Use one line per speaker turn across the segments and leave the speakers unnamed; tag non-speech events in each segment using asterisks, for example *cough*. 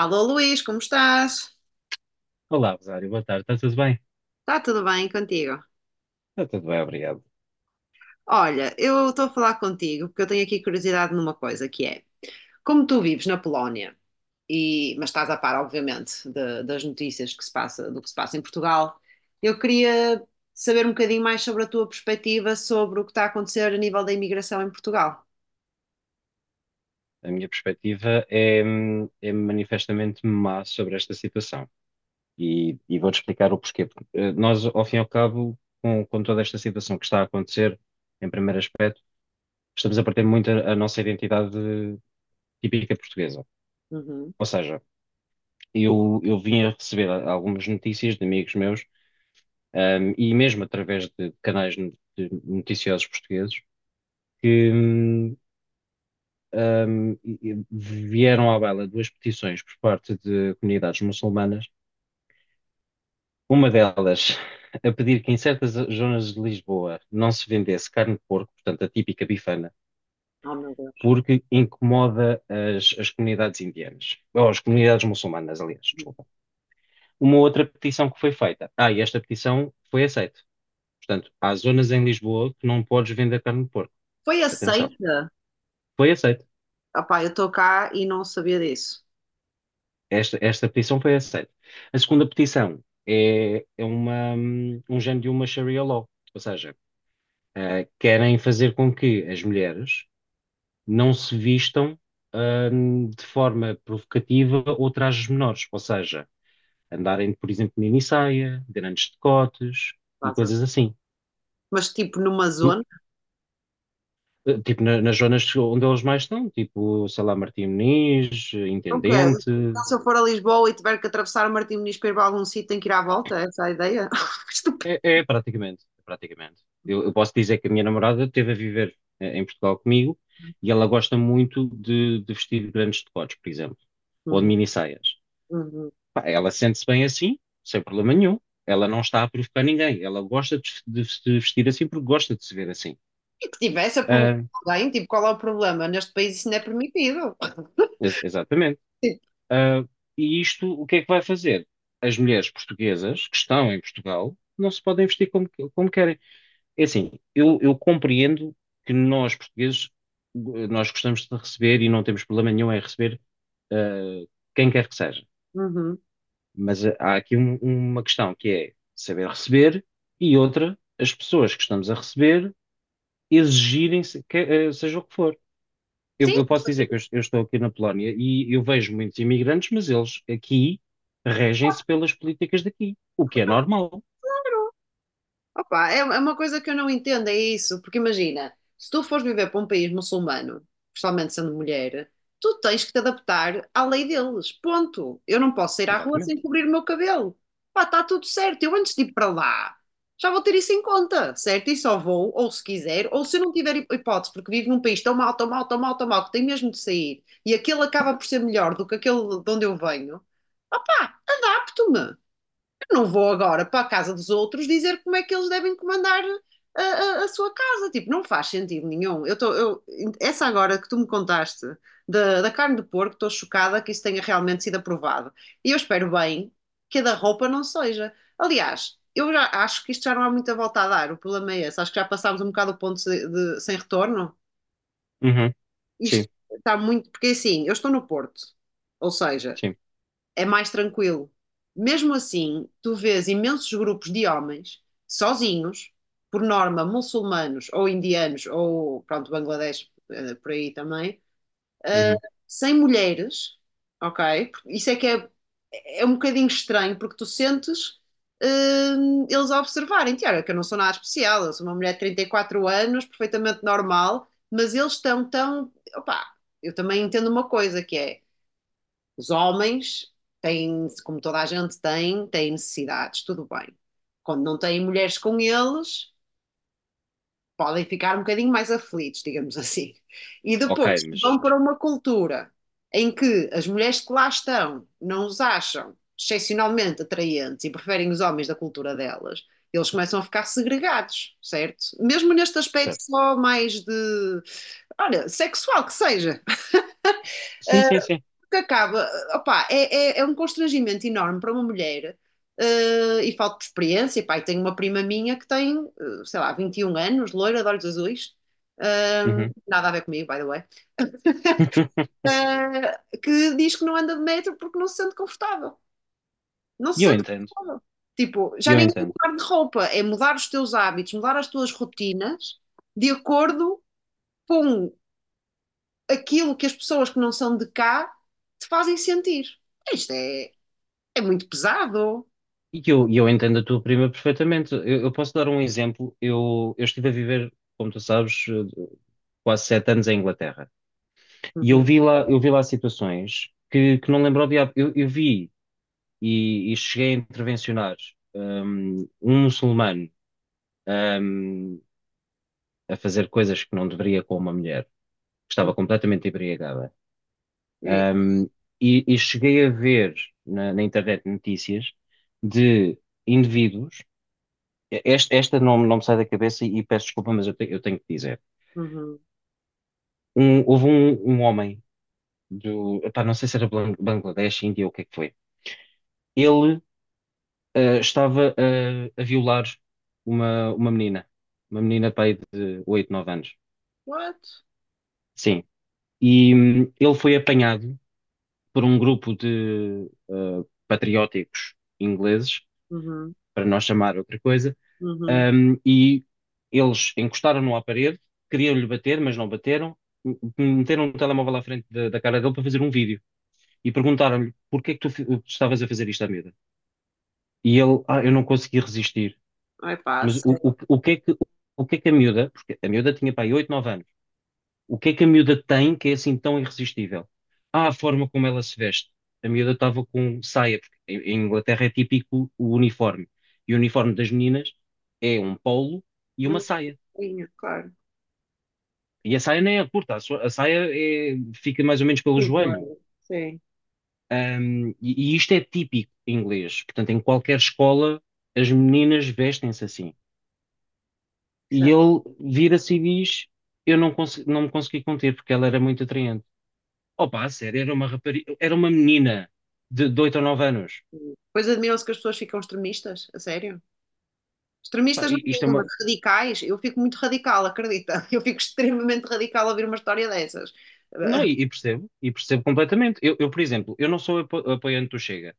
Alô Luís, como estás?
Olá, Rosário, boa tarde, está tudo bem?
Está tudo bem contigo?
Está tudo bem, obrigado.
Olha, eu estou a falar contigo porque eu tenho aqui curiosidade numa coisa que é, como tu vives na Polónia e mas estás a par, obviamente, das notícias que se passa, do que se passa em Portugal, eu queria saber um bocadinho mais sobre a tua perspectiva sobre o que está a acontecer a nível da imigração em Portugal.
A minha perspectiva é manifestamente má sobre esta situação e vou-te explicar o porquê. Porque, nós, ao fim e ao cabo, com toda esta situação que está a acontecer, em primeiro aspecto, estamos a perder muito a nossa identidade típica portuguesa.
Uhum.
Ou seja, eu vim a receber algumas notícias de amigos meus, e mesmo através de canais de noticiosos portugueses, que um, vieram à baila duas petições por parte de comunidades muçulmanas. Uma delas a pedir que em certas zonas de Lisboa não se vendesse carne de porco, portanto a típica bifana,
Oh, meu Deus.
porque incomoda as comunidades indianas, ou as comunidades muçulmanas, aliás, desculpa. Uma outra petição que foi feita. Ah, e esta petição foi aceita. Portanto, há zonas em Lisboa que não podes vender carne de porco.
Foi
Atenção.
aceita?
Foi aceita.
Opá, eu estou cá e não sabia disso.
Esta petição foi aceita. A segunda petição é um género de uma Sharia law, ou seja, querem fazer com que as mulheres não se vistam, de forma provocativa ou trajes menores, ou seja, andarem, por exemplo, mini saia, grandes decotes e coisas assim.
Mas tipo numa
Hum,
zona.
Tipo, nas zonas onde eles mais estão, tipo, sei lá, Martim Moniz,
Não quero.
Intendente.
Então, se eu for a Lisboa e tiver que atravessar o Martim Moniz para ir para algum sítio, tenho que ir à volta? Essa é a ideia? *laughs* Estúpido.
É praticamente, é praticamente. Eu posso dizer que a minha namorada esteve a viver em Portugal comigo e ela gosta muito de vestir grandes decotes, por exemplo, ou de
Uhum,
mini saias.
uhum.
Pá, ela sente-se bem assim, sem problema nenhum. Ela não está a provocar ninguém. Ela gosta de se vestir assim porque gosta de se ver assim.
E que tivesse a provocar
Ah,
alguém, tipo, qual é o problema? Neste país isso não é permitido. *laughs*
exatamente.
Tipo,
Ah, e isto, o que é que vai fazer? As mulheres portuguesas que estão em Portugal não se podem vestir como querem. É assim, eu compreendo que nós, portugueses, nós gostamos de receber e não temos problema nenhum em receber eh, quem quer que seja.
uhum.
Mas há aqui uma questão que é saber receber e outra, as pessoas que estamos a receber exigirem seja o que for. Eu,
Sim,
eu posso dizer que eu estou aqui na Polónia e eu vejo muitos imigrantes, mas eles aqui regem-se pelas políticas daqui, o que é normal.
claro. Opa, é uma coisa que eu não entendo, é isso. Porque imagina, se tu fores viver para um país muçulmano, principalmente sendo mulher, tu tens que te adaptar à lei deles. Ponto. Eu não posso sair à rua
Exatamente.
sem cobrir o meu cabelo. Pá, está tudo certo. Eu antes de ir para lá, já vou ter isso em conta, certo? E só vou, ou se quiser, ou se eu não tiver hipótese, porque vivo num país tão mal, tão mal, tão mal, tão mal, que tem mesmo de sair, e aquele acaba por ser melhor do que aquele de onde eu venho. Opá, adapto-me. Não vou agora para a casa dos outros dizer como é que eles devem comandar a sua casa. Tipo, não faz sentido nenhum. Essa agora que tu me contaste da carne de porco, estou chocada que isso tenha realmente sido aprovado. E eu espero bem que a da roupa não seja. Aliás, eu já acho que isto já não há muita volta a dar. O problema é esse. Acho que já passámos um bocado o ponto sem retorno.
Uhum.
Isto
Sim,
está muito. Porque assim, eu estou no Porto. Ou seja,
sim.
é mais tranquilo. Mesmo assim, tu vês imensos grupos de homens sozinhos, por norma muçulmanos ou indianos ou pronto, Bangladesh por aí também, eh,
Uhum.
sem mulheres, ok? Isso é que é, é um bocadinho estranho porque tu sentes eh, eles a observarem, olha, que eu não sou nada especial, eu sou uma mulher de 34 anos, perfeitamente normal, mas eles estão tão, opá, eu também entendo uma coisa que é os homens têm, como toda a gente tem, têm necessidades, tudo bem. Quando não têm mulheres com eles, podem ficar um bocadinho mais aflitos, digamos assim. E
Ok,
depois
mas.
vão para uma cultura em que as mulheres que lá estão não os acham excepcionalmente atraentes e preferem os homens da cultura delas, eles começam a ficar segregados, certo? Mesmo neste aspecto só mais de, olha, sexual que seja,
Sim, sim, sim.
que acaba, opá, é um constrangimento enorme para uma mulher e falta de experiência. Pá, e tenho uma prima minha que tem, sei lá, 21 anos, loira, de olhos azuis,
Uhum.
nada a ver comigo, by the way,
*laughs*
que diz que não anda de metro porque não se sente confortável. Não
E
se
eu
sente
entendo,
confortável. Tipo,
e
já
eu
nem é
entendo.
mudar de roupa, é mudar os teus hábitos, mudar as tuas rotinas de acordo com aquilo que as pessoas que não são de cá te fazem sentir. Isto é muito pesado.
E eu entendo a tua prima perfeitamente. Eu posso dar um exemplo. Eu estive a viver, como tu sabes, quase 7 anos em Inglaterra. E
Uhum,
eu vi lá situações que não lembro ao diabo. Eu vi e cheguei a intervencionar muçulmano hum, a fazer coisas que não deveria com uma mulher que
uhum.
estava completamente embriagada.
Isso.
Um, e cheguei a ver na internet notícias de indivíduos, esta não, não me sai da cabeça e, peço desculpa, mas eu tenho que dizer.
Uhum.
Houve um homem do, epá, não sei se era Bangladesh, Índia ou o que é que foi. Ele estava a violar uma menina, uma menina pá, aí de 8 9 anos.
What?
Sim. E ele foi apanhado por um grupo de patrióticos ingleses,
Uhum,
para não chamar outra coisa.
uhum.
E eles encostaram-no à parede, queriam-lhe bater, mas não bateram. m- Meteram um telemóvel à frente da cara dele para fazer um vídeo e perguntaram-lhe porquê é que tu estavas a fazer isto à miúda? E ele: ah, eu não consegui resistir.
Ai,
Mas o,
passa.
o, o que é que, o que é que a miúda, porque a miúda tinha para aí 8 9 anos, o que é que a miúda tem que é assim tão irresistível? Ah, a forma como ela se veste. A miúda estava com saia, porque em Inglaterra é típico o uniforme. E o uniforme das meninas é um polo e
É
uma
uma
saia.
coisinha, claro.
E a saia nem é curta, a saia fica mais ou menos pelo joelho.
Concordo. Sim,
E isto é típico inglês. Portanto, em qualquer escola, as meninas vestem-se assim. E
certo.
ele vira-se e diz: eu não, não me consegui conter porque ela era muito atraente. Opa, a sério, era uma rapariga, era uma menina de 8 ou 9 anos.
Pois admiram-se que as pessoas ficam extremistas, a sério?
Pá,
Extremistas não
isto é
digo, mas
uma.
radicais. Eu fico muito radical, acredita? *laughs* Eu fico extremamente radical a ouvir uma história dessas.
Não, e,
*laughs*
e percebo, e percebo completamente. Eu, por exemplo, eu não sou apoiante do Chega.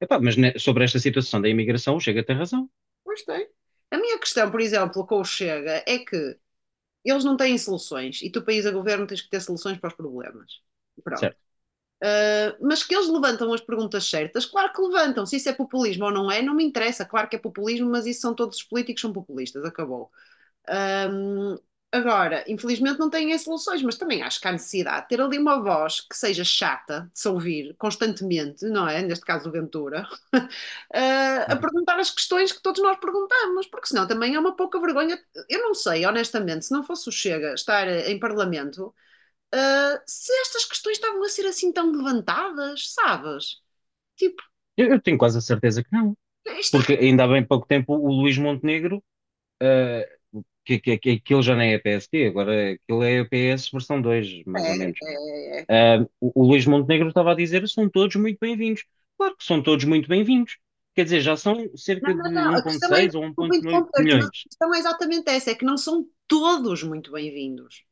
Epá, mas sobre esta situação da imigração, o Chega tem razão.
Pois tem. A minha questão, por exemplo, com o Chega é que eles não têm soluções e tu, país a governo, tens que ter soluções para os problemas. Pronto. Mas que eles levantam as perguntas certas, claro que levantam. Se isso é populismo ou não é, não me interessa. Claro que é populismo, mas isso são todos os políticos são populistas. Acabou. Um, Agora, infelizmente não têm as soluções, mas também acho que há necessidade de ter ali uma voz que seja chata de se ouvir constantemente, não é? Neste caso, o Ventura, *laughs* uh, a
Uhum.
perguntar as questões que todos nós perguntamos, porque senão também é uma pouca vergonha. Eu não sei, honestamente, se não fosse o Chega estar em parlamento se estas questões estavam a ser assim tão levantadas, sabes? Tipo,
Eu tenho quase a certeza que não,
isto
porque ainda há bem pouco tempo o Luís Montenegro, eh, que aquilo já nem é PSD, agora aquilo é PS versão dois, mais ou
é,
menos.
é, é, é
O Luís Montenegro estava a dizer: são todos muito bem-vindos. Claro que são todos muito bem-vindos. Quer dizer, já são cerca
Não, não,
de
não. A questão é,
1,6 ou
desculpa
1,9
interromper-te, mas a
milhões.
questão é exatamente essa, é que não são todos muito bem-vindos.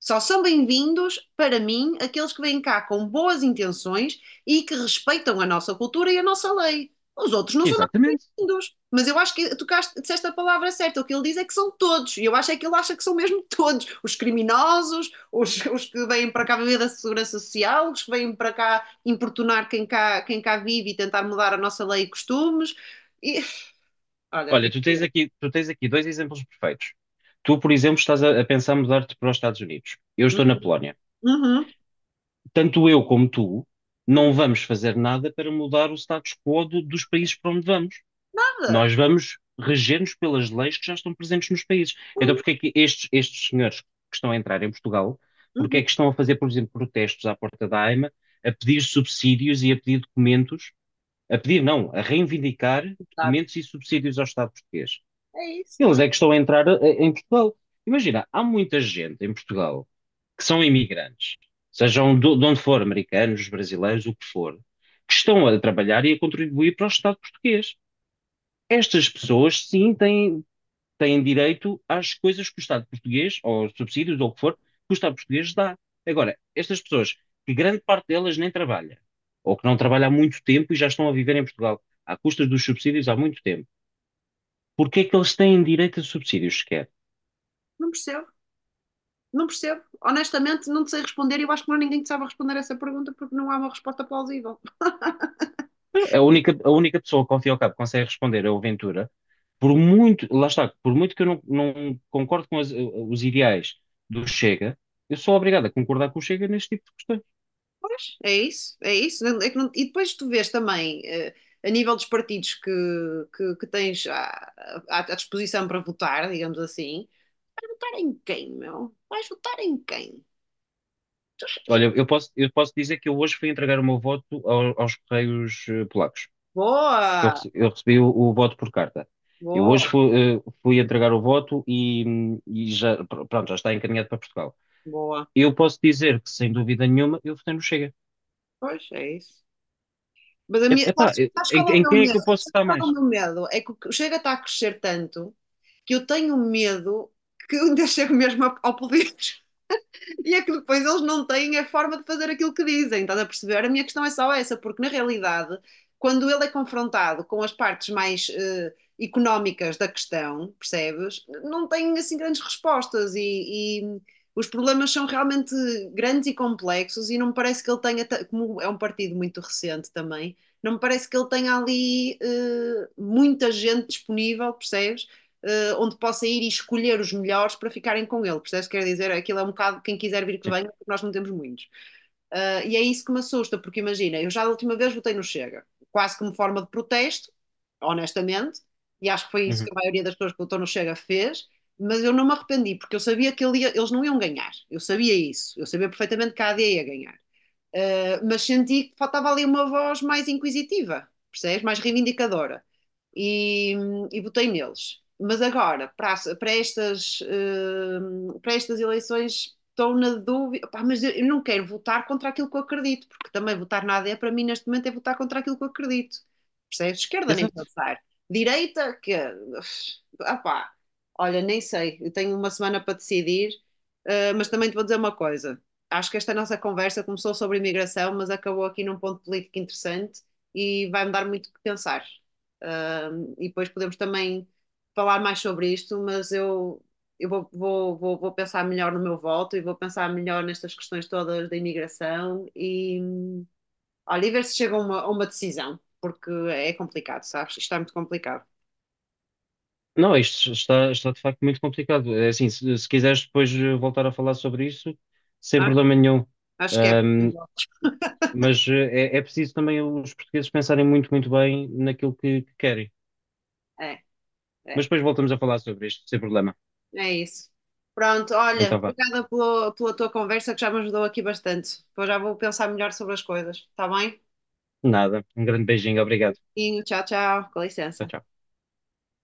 Só são bem-vindos, para mim, aqueles que vêm cá com boas intenções e que respeitam a nossa cultura e a nossa lei. Os outros não são nada
Exatamente.
bem-vindos. Mas eu acho que tu disseste a palavra certa. O que ele diz é que são todos. E eu acho é que ele acha que são mesmo todos. Os criminosos, os que vêm para cá viver da segurança social, os que vêm para cá importunar quem cá vive e tentar mudar a nossa lei e costumes. E olha,
Olha,
fico.
tu tens aqui dois exemplos perfeitos. Tu, por exemplo, estás a pensar mudar-te para os Estados Unidos. Eu estou na Polónia.
Uhum,
Tanto eu como tu
uhum.
não vamos fazer nada para mudar o status quo dos países para onde vamos.
Nada.
Nós vamos reger-nos pelas leis que já estão presentes nos países. Então,
Uhum,
porque é que estes senhores que estão a entrar em Portugal, porque
uhum,
é que estão a fazer, por exemplo, protestos à porta da AIMA, a pedir subsídios e a pedir documentos, a pedir, não, a reivindicar
exato.
documentos e subsídios ao Estado português?
É isso.
Eles
Não,
é que estão a entrar em Portugal. Imagina, há muita gente em Portugal que são imigrantes, sejam de onde for, americanos, brasileiros, o que for, que estão a trabalhar e a contribuir para o Estado português. Estas pessoas, sim, têm direito às coisas que o Estado português, ou aos subsídios, ou o que for, que o Estado português dá. Agora, estas pessoas, que grande parte delas nem trabalha, ou que não trabalha há muito tempo e já estão a viver em Portugal, à custa dos subsídios há muito tempo, porque é que eles têm direito a subsídios sequer?
não percebo. Não percebo. Honestamente, não te sei responder e eu acho que não há ninguém que saiba responder essa pergunta porque não há uma resposta plausível.
A única pessoa que ao fim e ao cabo consegue responder é o Ventura, por muito, lá está, por muito que eu não, não concordo com os ideais do Chega, eu sou obrigado a concordar com o Chega neste tipo de questões.
Pois, é isso, é isso. Não- é que não- E depois tu vês também, a nível dos partidos que tens à disposição para votar, digamos assim, votar em quem, meu? Vais votar em quem? Tu-
Olha, eu posso dizer que eu hoje fui entregar o meu voto aos Correios Polacos, porque eu,
Boa,
rece- eu recebi o voto por carta. Eu
boa,
hoje fui entregar o voto e já, pronto, já está encaminhado para Portugal.
boa.
Eu posso dizer que, sem dúvida nenhuma, eu votei no Chega.
Pois, é isso. Mas a
É,
minha,
Epá,
sabes, sabes
em,
qual é o
em
meu
quem é
medo?
que eu
Sabes
posso votar
qual é o
mais?
meu medo? É que o Chega está a crescer tanto que eu tenho medo que eu dia chego mesmo ao poder. E é que depois eles não têm a forma de fazer aquilo que dizem, estás a perceber? A minha questão é só essa, porque na realidade, quando ele é confrontado com as partes mais económicas da questão, percebes? Não tem assim grandes respostas e os problemas são realmente grandes e complexos e não me parece que ele tenha, como é um partido muito recente também, não me parece que ele tenha ali muita gente disponível, percebes? Onde possa ir e escolher os melhores para ficarem com ele. Percebes? Quer dizer, aquilo é um bocado quem quiser vir que
Sim.
venha, porque nós não temos muitos. E é isso que me assusta, porque imagina, eu já da última vez votei no Chega, quase como forma de protesto, honestamente, e acho que foi isso
Uhum.
que a maioria das pessoas que votou no Chega fez, mas eu não me arrependi, porque eu sabia que ele ia, eles não iam ganhar, eu sabia isso, eu sabia perfeitamente que a AD ia ganhar. Mas senti que faltava ali uma voz mais inquisitiva, percebes? Mais reivindicadora. E, e votei neles. Mas agora, para estas eleições, estou na dúvida. Pá, mas eu não quero votar contra aquilo que eu acredito, porque também votar na AD para mim neste momento é votar contra aquilo que eu acredito. Percebes? Esquerda nem
Exato.
pensar. Direita, que. Ah, pá. Olha, nem sei. Eu tenho uma semana para decidir, mas também te vou dizer uma coisa, acho que esta nossa conversa começou sobre imigração, mas acabou aqui num ponto político interessante e vai-me dar muito o que pensar. E depois podemos também falar mais sobre isto, mas eu vou pensar melhor no meu voto e vou pensar melhor nestas questões todas da imigração e olha, e ver se chega a uma, decisão, porque é complicado, sabes? Isto é muito complicado.
Não, isto está, de facto muito complicado. É assim, se quiseres depois voltar a falar sobre isso, sem
Acho,
problema nenhum.
acho que é
Ahm,
possível.
mas é preciso também os portugueses pensarem muito, muito bem naquilo que querem.
É,
Mas
é.
depois voltamos a falar sobre isto, sem problema.
É isso. Pronto, olha,
Então vá.
obrigada pela tua conversa que já me ajudou aqui bastante. Depois já vou pensar melhor sobre as coisas, está bem?
Nada. Um grande beijinho. Obrigado.
E tchau, tchau, com
Tchau,
licença.
tchau.